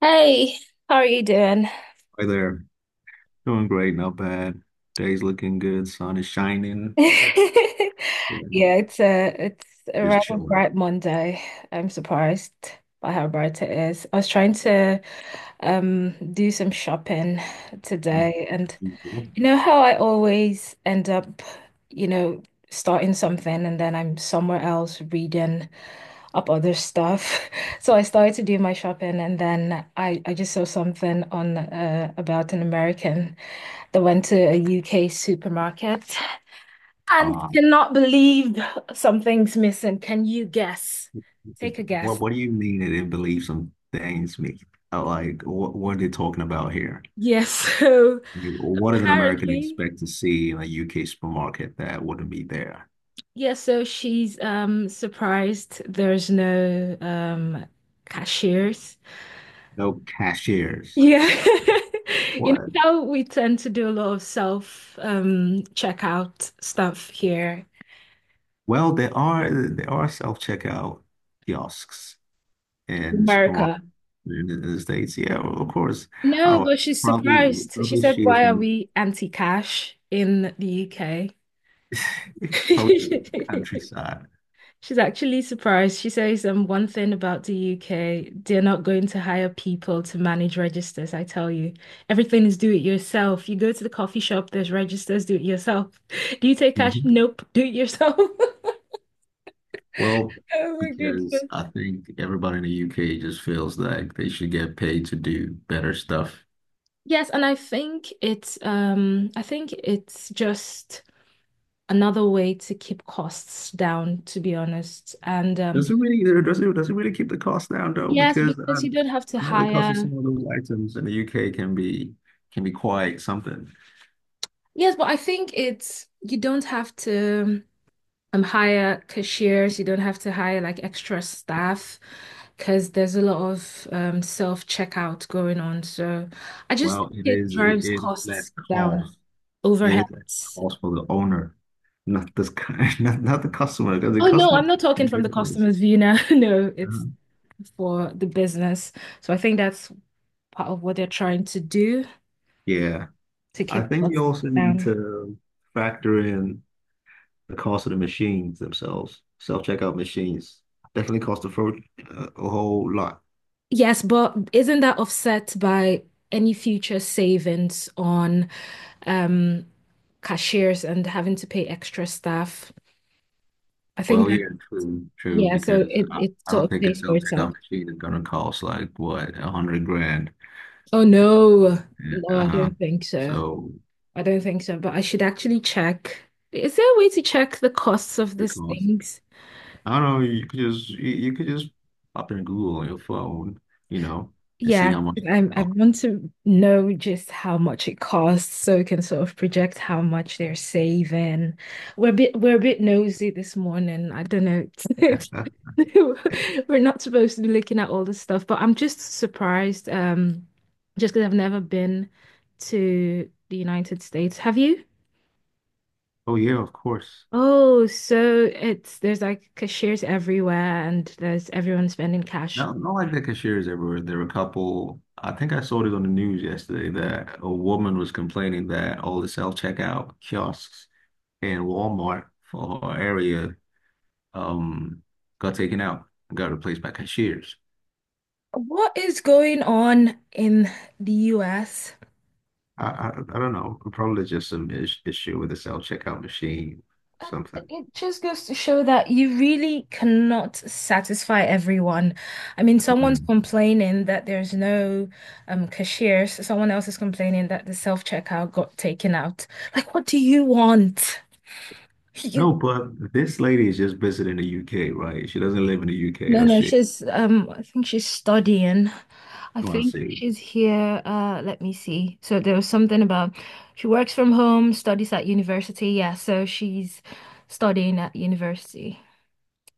Hey, how are you doing? Hi there. Doing great, not bad. Day's looking good, sun is shining. Yeah, Yeah, it's a just rather chilling. bright Monday. I'm surprised by how bright it is. I was trying to do some shopping Uh, today and you know how I always end up, you know, starting something and then I'm somewhere else reading up other stuff. So I started to do my shopping and then I just saw something on about an American. I went to a UK supermarket and cannot believe something's missing. Can you guess? Take a guess. what do you mean that it believes some things me? Like what are they talking about here? Yes, so I mean, what does an American apparently, expect to see in a UK supermarket that wouldn't be there? yes, so she's surprised there's no cashiers. No cashiers. Yeah. You know What? how we tend to do a lot of self checkout stuff here Well, there are self-checkout kiosks in in supermarkets America. in the States. Yeah, well, of course. I No, don't know. but she's Probably, surprised. She probably said, she is "Why from are the we anti-cash in the UK?" probably just countryside. She's actually surprised. She says, one thing about the UK, they're not going to hire people to manage registers, I tell you. Everything is do it yourself. You go to the coffee shop, there's registers, do it yourself. Do you take cash? Mhm. Nope, do it yourself. Well, Oh my because goodness. I think everybody in the UK just feels like they should get paid to do better stuff. Yes, and I think it's just another way to keep costs down, to be honest. And Does it really, does it really keep the cost down though? yes, Because because you don't have to I know the cost of hire. some of those items in the UK can be quite something. Yes, but I think it's you don't have to hire cashiers, you don't have to hire like extra staff because there's a lot of self-checkout going on. So I just think Well, it drives it is costs less down, cost. It is less overheads. cost for the owner, not this kind, not the customer, because the Oh no, customer I'm is not the talking from the big price. customer's view now. No, it's Uh-huh. for the business. So I think that's part of what they're trying to do, Yeah. to I keep think costs you also need down. to factor in the cost of the machines themselves. Self-checkout machines definitely cost a whole lot. Yes, but isn't that offset by any future savings on um, cashiers and having to pay extra staff? I think Well, that, yeah, true, yeah, so because it, it I don't sort of think a pays for itself. self-checkout machine is gonna cost like what, 100 grand. Oh, no. No, I Uh, don't think so. so I don't think so, but I should actually check. Is there a way to check the costs of it these costs. things? I don't know, you could just pop in Google on your phone, you know, and see Yeah, how much 'cause it I costs. want to know just how much it costs so we can sort of project how much they're saving. We're a bit nosy this morning. I don't know. We're not supposed to be looking at all this stuff, but I'm just surprised, just because I've never been to the United States. Have you? Oh yeah, of course. Oh, so it's there's like cashiers everywhere and there's everyone spending cash. Not like that cashiers everywhere. There were a couple, I think I saw it on the news yesterday that a woman was complaining that all the self-checkout kiosks in Walmart for her area um, got taken out, got replaced by cashiers. What is going on in the US? I, I, I don't know. Probably just some is issue with the self-checkout machine, Uh, something. It just goes to show that you really cannot satisfy everyone. I mean, someone's Mm. complaining that there's no cashiers. Someone else is complaining that the self-checkout got taken out. Like, what do you want? You No, but this lady is just visiting the UK, right? She doesn't live in the UK, no, or no, she? she's I think she's studying. I Oh, I think see. she's here. Let me see. So there was something about she works from home, studies at university. Yeah, so she's studying at university.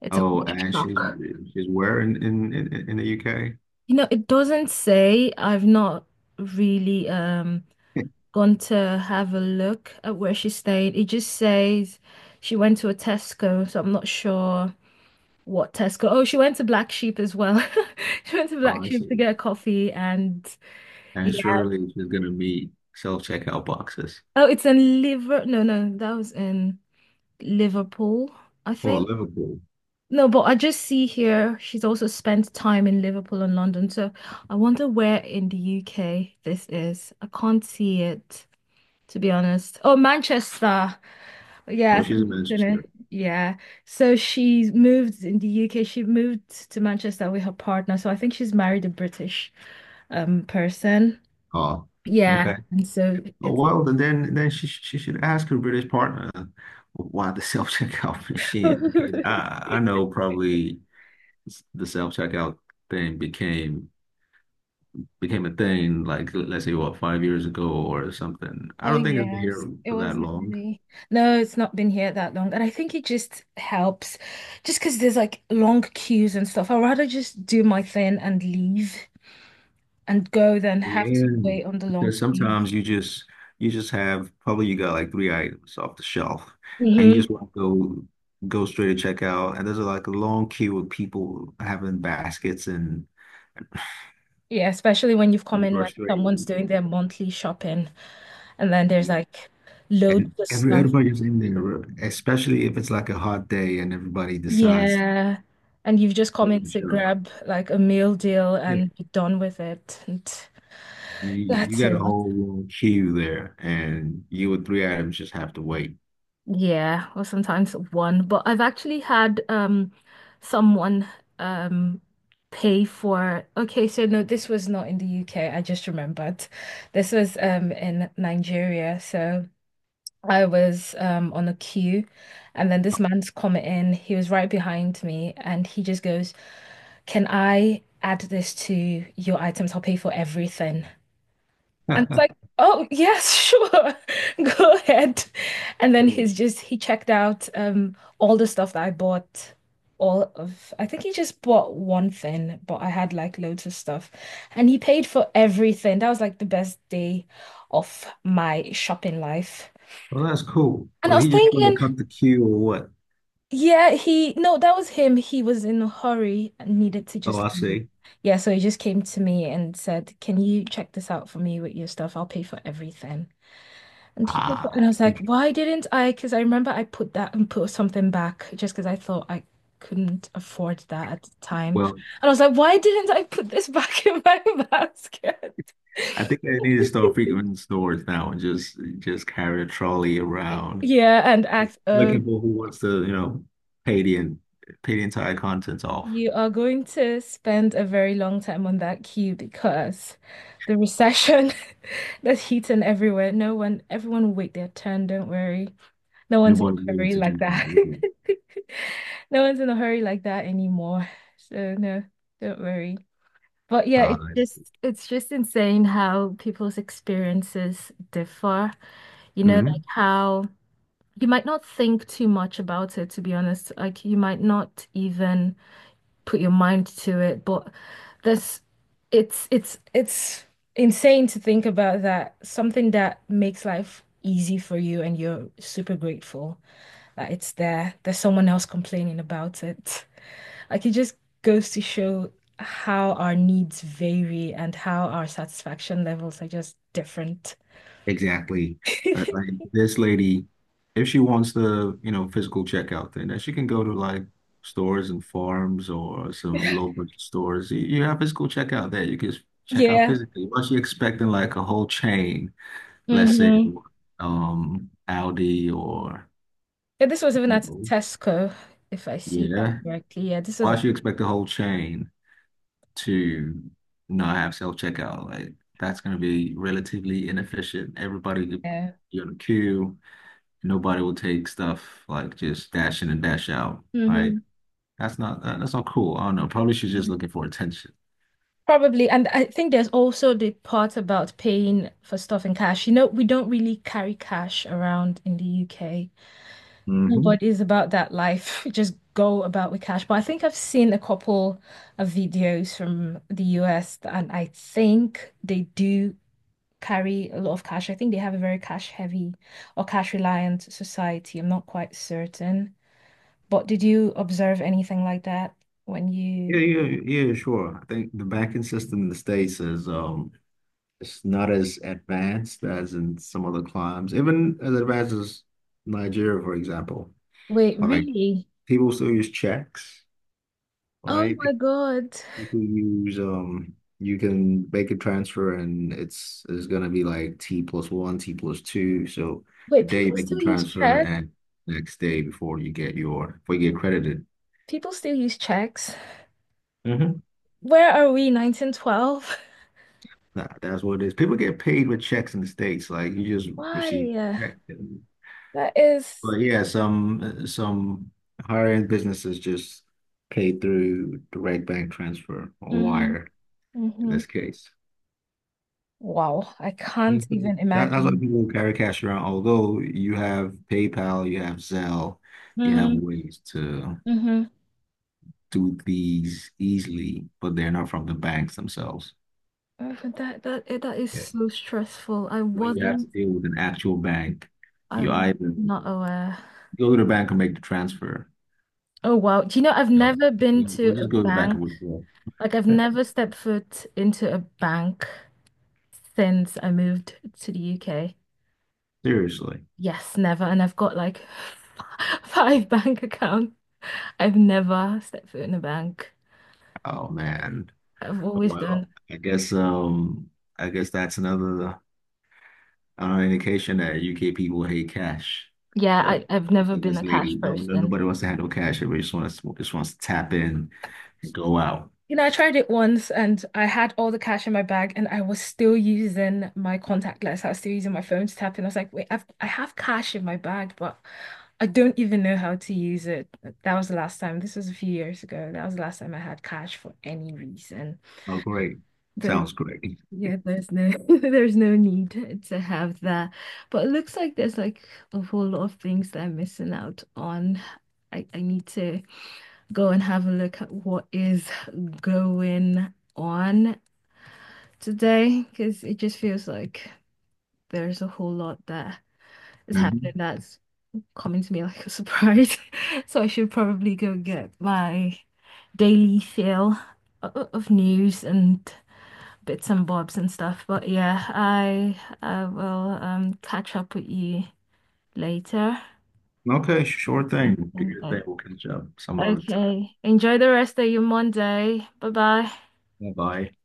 It's a Oh, culture and shock. she's where in the UK? You know, it doesn't say. I've not really gone to have a look at where she stayed. It just says she went to a Tesco, so I'm not sure what Tesco. Oh, she went to Black Sheep as well. She went to Black Sheep to Awesome. get a coffee and. And surely she's going to meet self-checkout boxes. Oh, it's in Liver. No, no, that was in Liverpool, I Oh, think. Liverpool. No, but I just see here she's also spent time in Liverpool and London. So I wonder where in the UK this is. I can't see it, to be honest. Oh, Manchester. Oh, Yes, she's I'm in just gonna, Manchester. yeah. So she's moved in the UK. She moved to Manchester with her partner. So I think she's married a British person. Oh, Yeah. okay. And so Oh, it's. well, then she should ask her British partner why the self-checkout machine because I know probably the self-checkout thing became a thing like let's say what, 5 years ago or something. I Oh don't think it's been yes, here it for that wasn't long. really. No, it's not been here that long, and I think it just helps, just because there's like long queues and stuff. I'd rather just do my thing and leave and go than Well, have to yeah, wait on the long because queues. sometimes you just have probably you got like 3 items off the shelf, and you just Hmm. want to go straight to checkout, and there's like a long queue of people having baskets Yeah, especially when you've come and in when grocery someone's doing their monthly shopping, and then there's like loads and of stuff. everybody's in there, especially if it's like a hot day and everybody decides to Yeah, and you've just go come to in the to shop. grab like a meal deal Yeah, and be done with it, and you that's a got a lot. whole long queue there, and you with 3 items just have to wait. Yeah, or sometimes one. But I've actually had someone um pay for okay, so no, this was not in the UK. I just remembered. This was in Nigeria. So I was on a queue and then this man's coming in. He was right behind me and he just goes, "Can I add this to your items? I'll pay for everything." And I was like, oh, yes, sure. Go ahead. And then he's just, he checked out all the stuff that I bought. All of, I think he just bought one thing, but I had like loads of stuff. And he paid for everything. That was like the best day of my shopping life. Well, that's cool. And I Was was he just trying to thinking, cut the queue or what? yeah, he, no, that was him. He was in a hurry and needed to Oh, just I leave. see. Yeah, so he just came to me and said, can you check this out for me with your stuff? I'll pay for everything. And he picked it, and Ah, I was like, why didn't I? Because I remember I put that and put something back just because I thought I couldn't afford that at the time. And well, I was like, why didn't I put this back in my basket? I think I need to start frequenting stores now and just carry a trolley around Yeah, and act, oh, looking for who wants to, you know, pay the en- pay the entire contents off. you are going to spend a very long time on that queue because the recession that's heating everywhere. No one, everyone will wait their turn, don't worry. No one's in Nobody's a willing hurry to like do that, that. really. No one's in a hurry like that anymore. So no, don't worry. But yeah, Uh, it's just insane how people's experiences differ. You know, like hmm. how you might not think too much about it, to be honest. Like you might not even put your mind to it, but this it's insane to think about that. Something that makes life easy for you and you're super grateful. That it's there. There's someone else complaining about it. Like it just goes to show how our needs vary and how our satisfaction levels are just different. Exactly. Like this lady, if she wants the, you know, physical checkout thing, then she can go to like stores and farms or some low budget stores. You have physical checkout there. You can just check out Yeah. physically. What she expecting like a whole chain, let's say Mm-hmm. Aldi or Yeah, this was even at Lidl. Tesco, if I see that Yeah. correctly. Yeah, this was Why at should you expect the whole chain to not have self-checkout? Like that's gonna be relatively inefficient. Everybody could yeah. be on a queue. Nobody will take stuff like just dash in and dash out, right? Hmm. That's not cool. I don't know. Probably she's just looking for attention. Probably. And I think there's also the part about paying for stuff in cash. You know, we don't really carry cash around in the UK. Hmm. Nobody's about that life. Just go about with cash. But I think I've seen a couple of videos from the US, and I think they do carry a lot of cash. I think they have a very cash heavy or cash reliant society. I'm not quite certain. But did you observe anything like that when Yeah, you... yeah, yeah, sure. I think the banking system in the States is it's not as advanced as in some other climes, even as advanced as Nigeria, for example. Wait, Like really? people still use checks, Oh right? my God. You can use you can make a transfer and it's gonna be like T+1, T+2. So the Wait, day people you make the still use transfer check? and next day before you get your before you get credited. People still use checks? Hmm. Where are we, 1912? That's what it is. People get paid with checks in the States. Like you just receive Why? a check. That is- But yeah, some higher end businesses just pay through direct bank transfer or Mhm. wire in Hmm. this case. Wow, I can't Mhm. even That's why imagine. people carry cash around. Although you have PayPal, you have Zelle, you have Hmm. ways to Hmm. do these easily, but they're not from the banks themselves. But that that eh, that is Yeah. so stressful. I When you have to wasn't deal with an actual bank, you I'm either not aware. go to the bank and make the transfer. Oh wow. Do you know I've No, never been we- to we'll a just go to the bank bank. and withdraw. Like I've never stepped foot into a bank since I moved to the UK. Seriously. Yes, never. And I've got like five bank accounts. I've never stepped foot in a bank. Oh man. I've always Well, done. I guess um, I guess that's another. An indication that UK people hate cash. Yeah, Yeah. I've It's never like been this a lady, cash no, person. nobody wants to have no cash. Everybody just wants to tap in and go out. You know, I tried it once and I had all the cash in my bag and I was still using my contactless. I was still using my phone to tap in. I was like, wait, I have cash in my bag, but I don't even know how to use it. That was the last time. This was a few years ago. That was the last time I had cash for any reason. Oh, great. The Sounds great. yeah, there's no there's no need to have that. But it looks like there's like a whole lot of things that I'm missing out on. I need to go and have a look at what is going on today because it just feels like there's a whole lot that is happening Mhm. that's coming to me like a surprise. So I should probably go get my daily fill o- of news and bits and bobs and stuff. But yeah, I will catch up with you later. Okay, sure Okay. thing. Do your thing. We'll catch up some other time. Okay. Enjoy the rest of your Monday. Bye bye. Bye bye.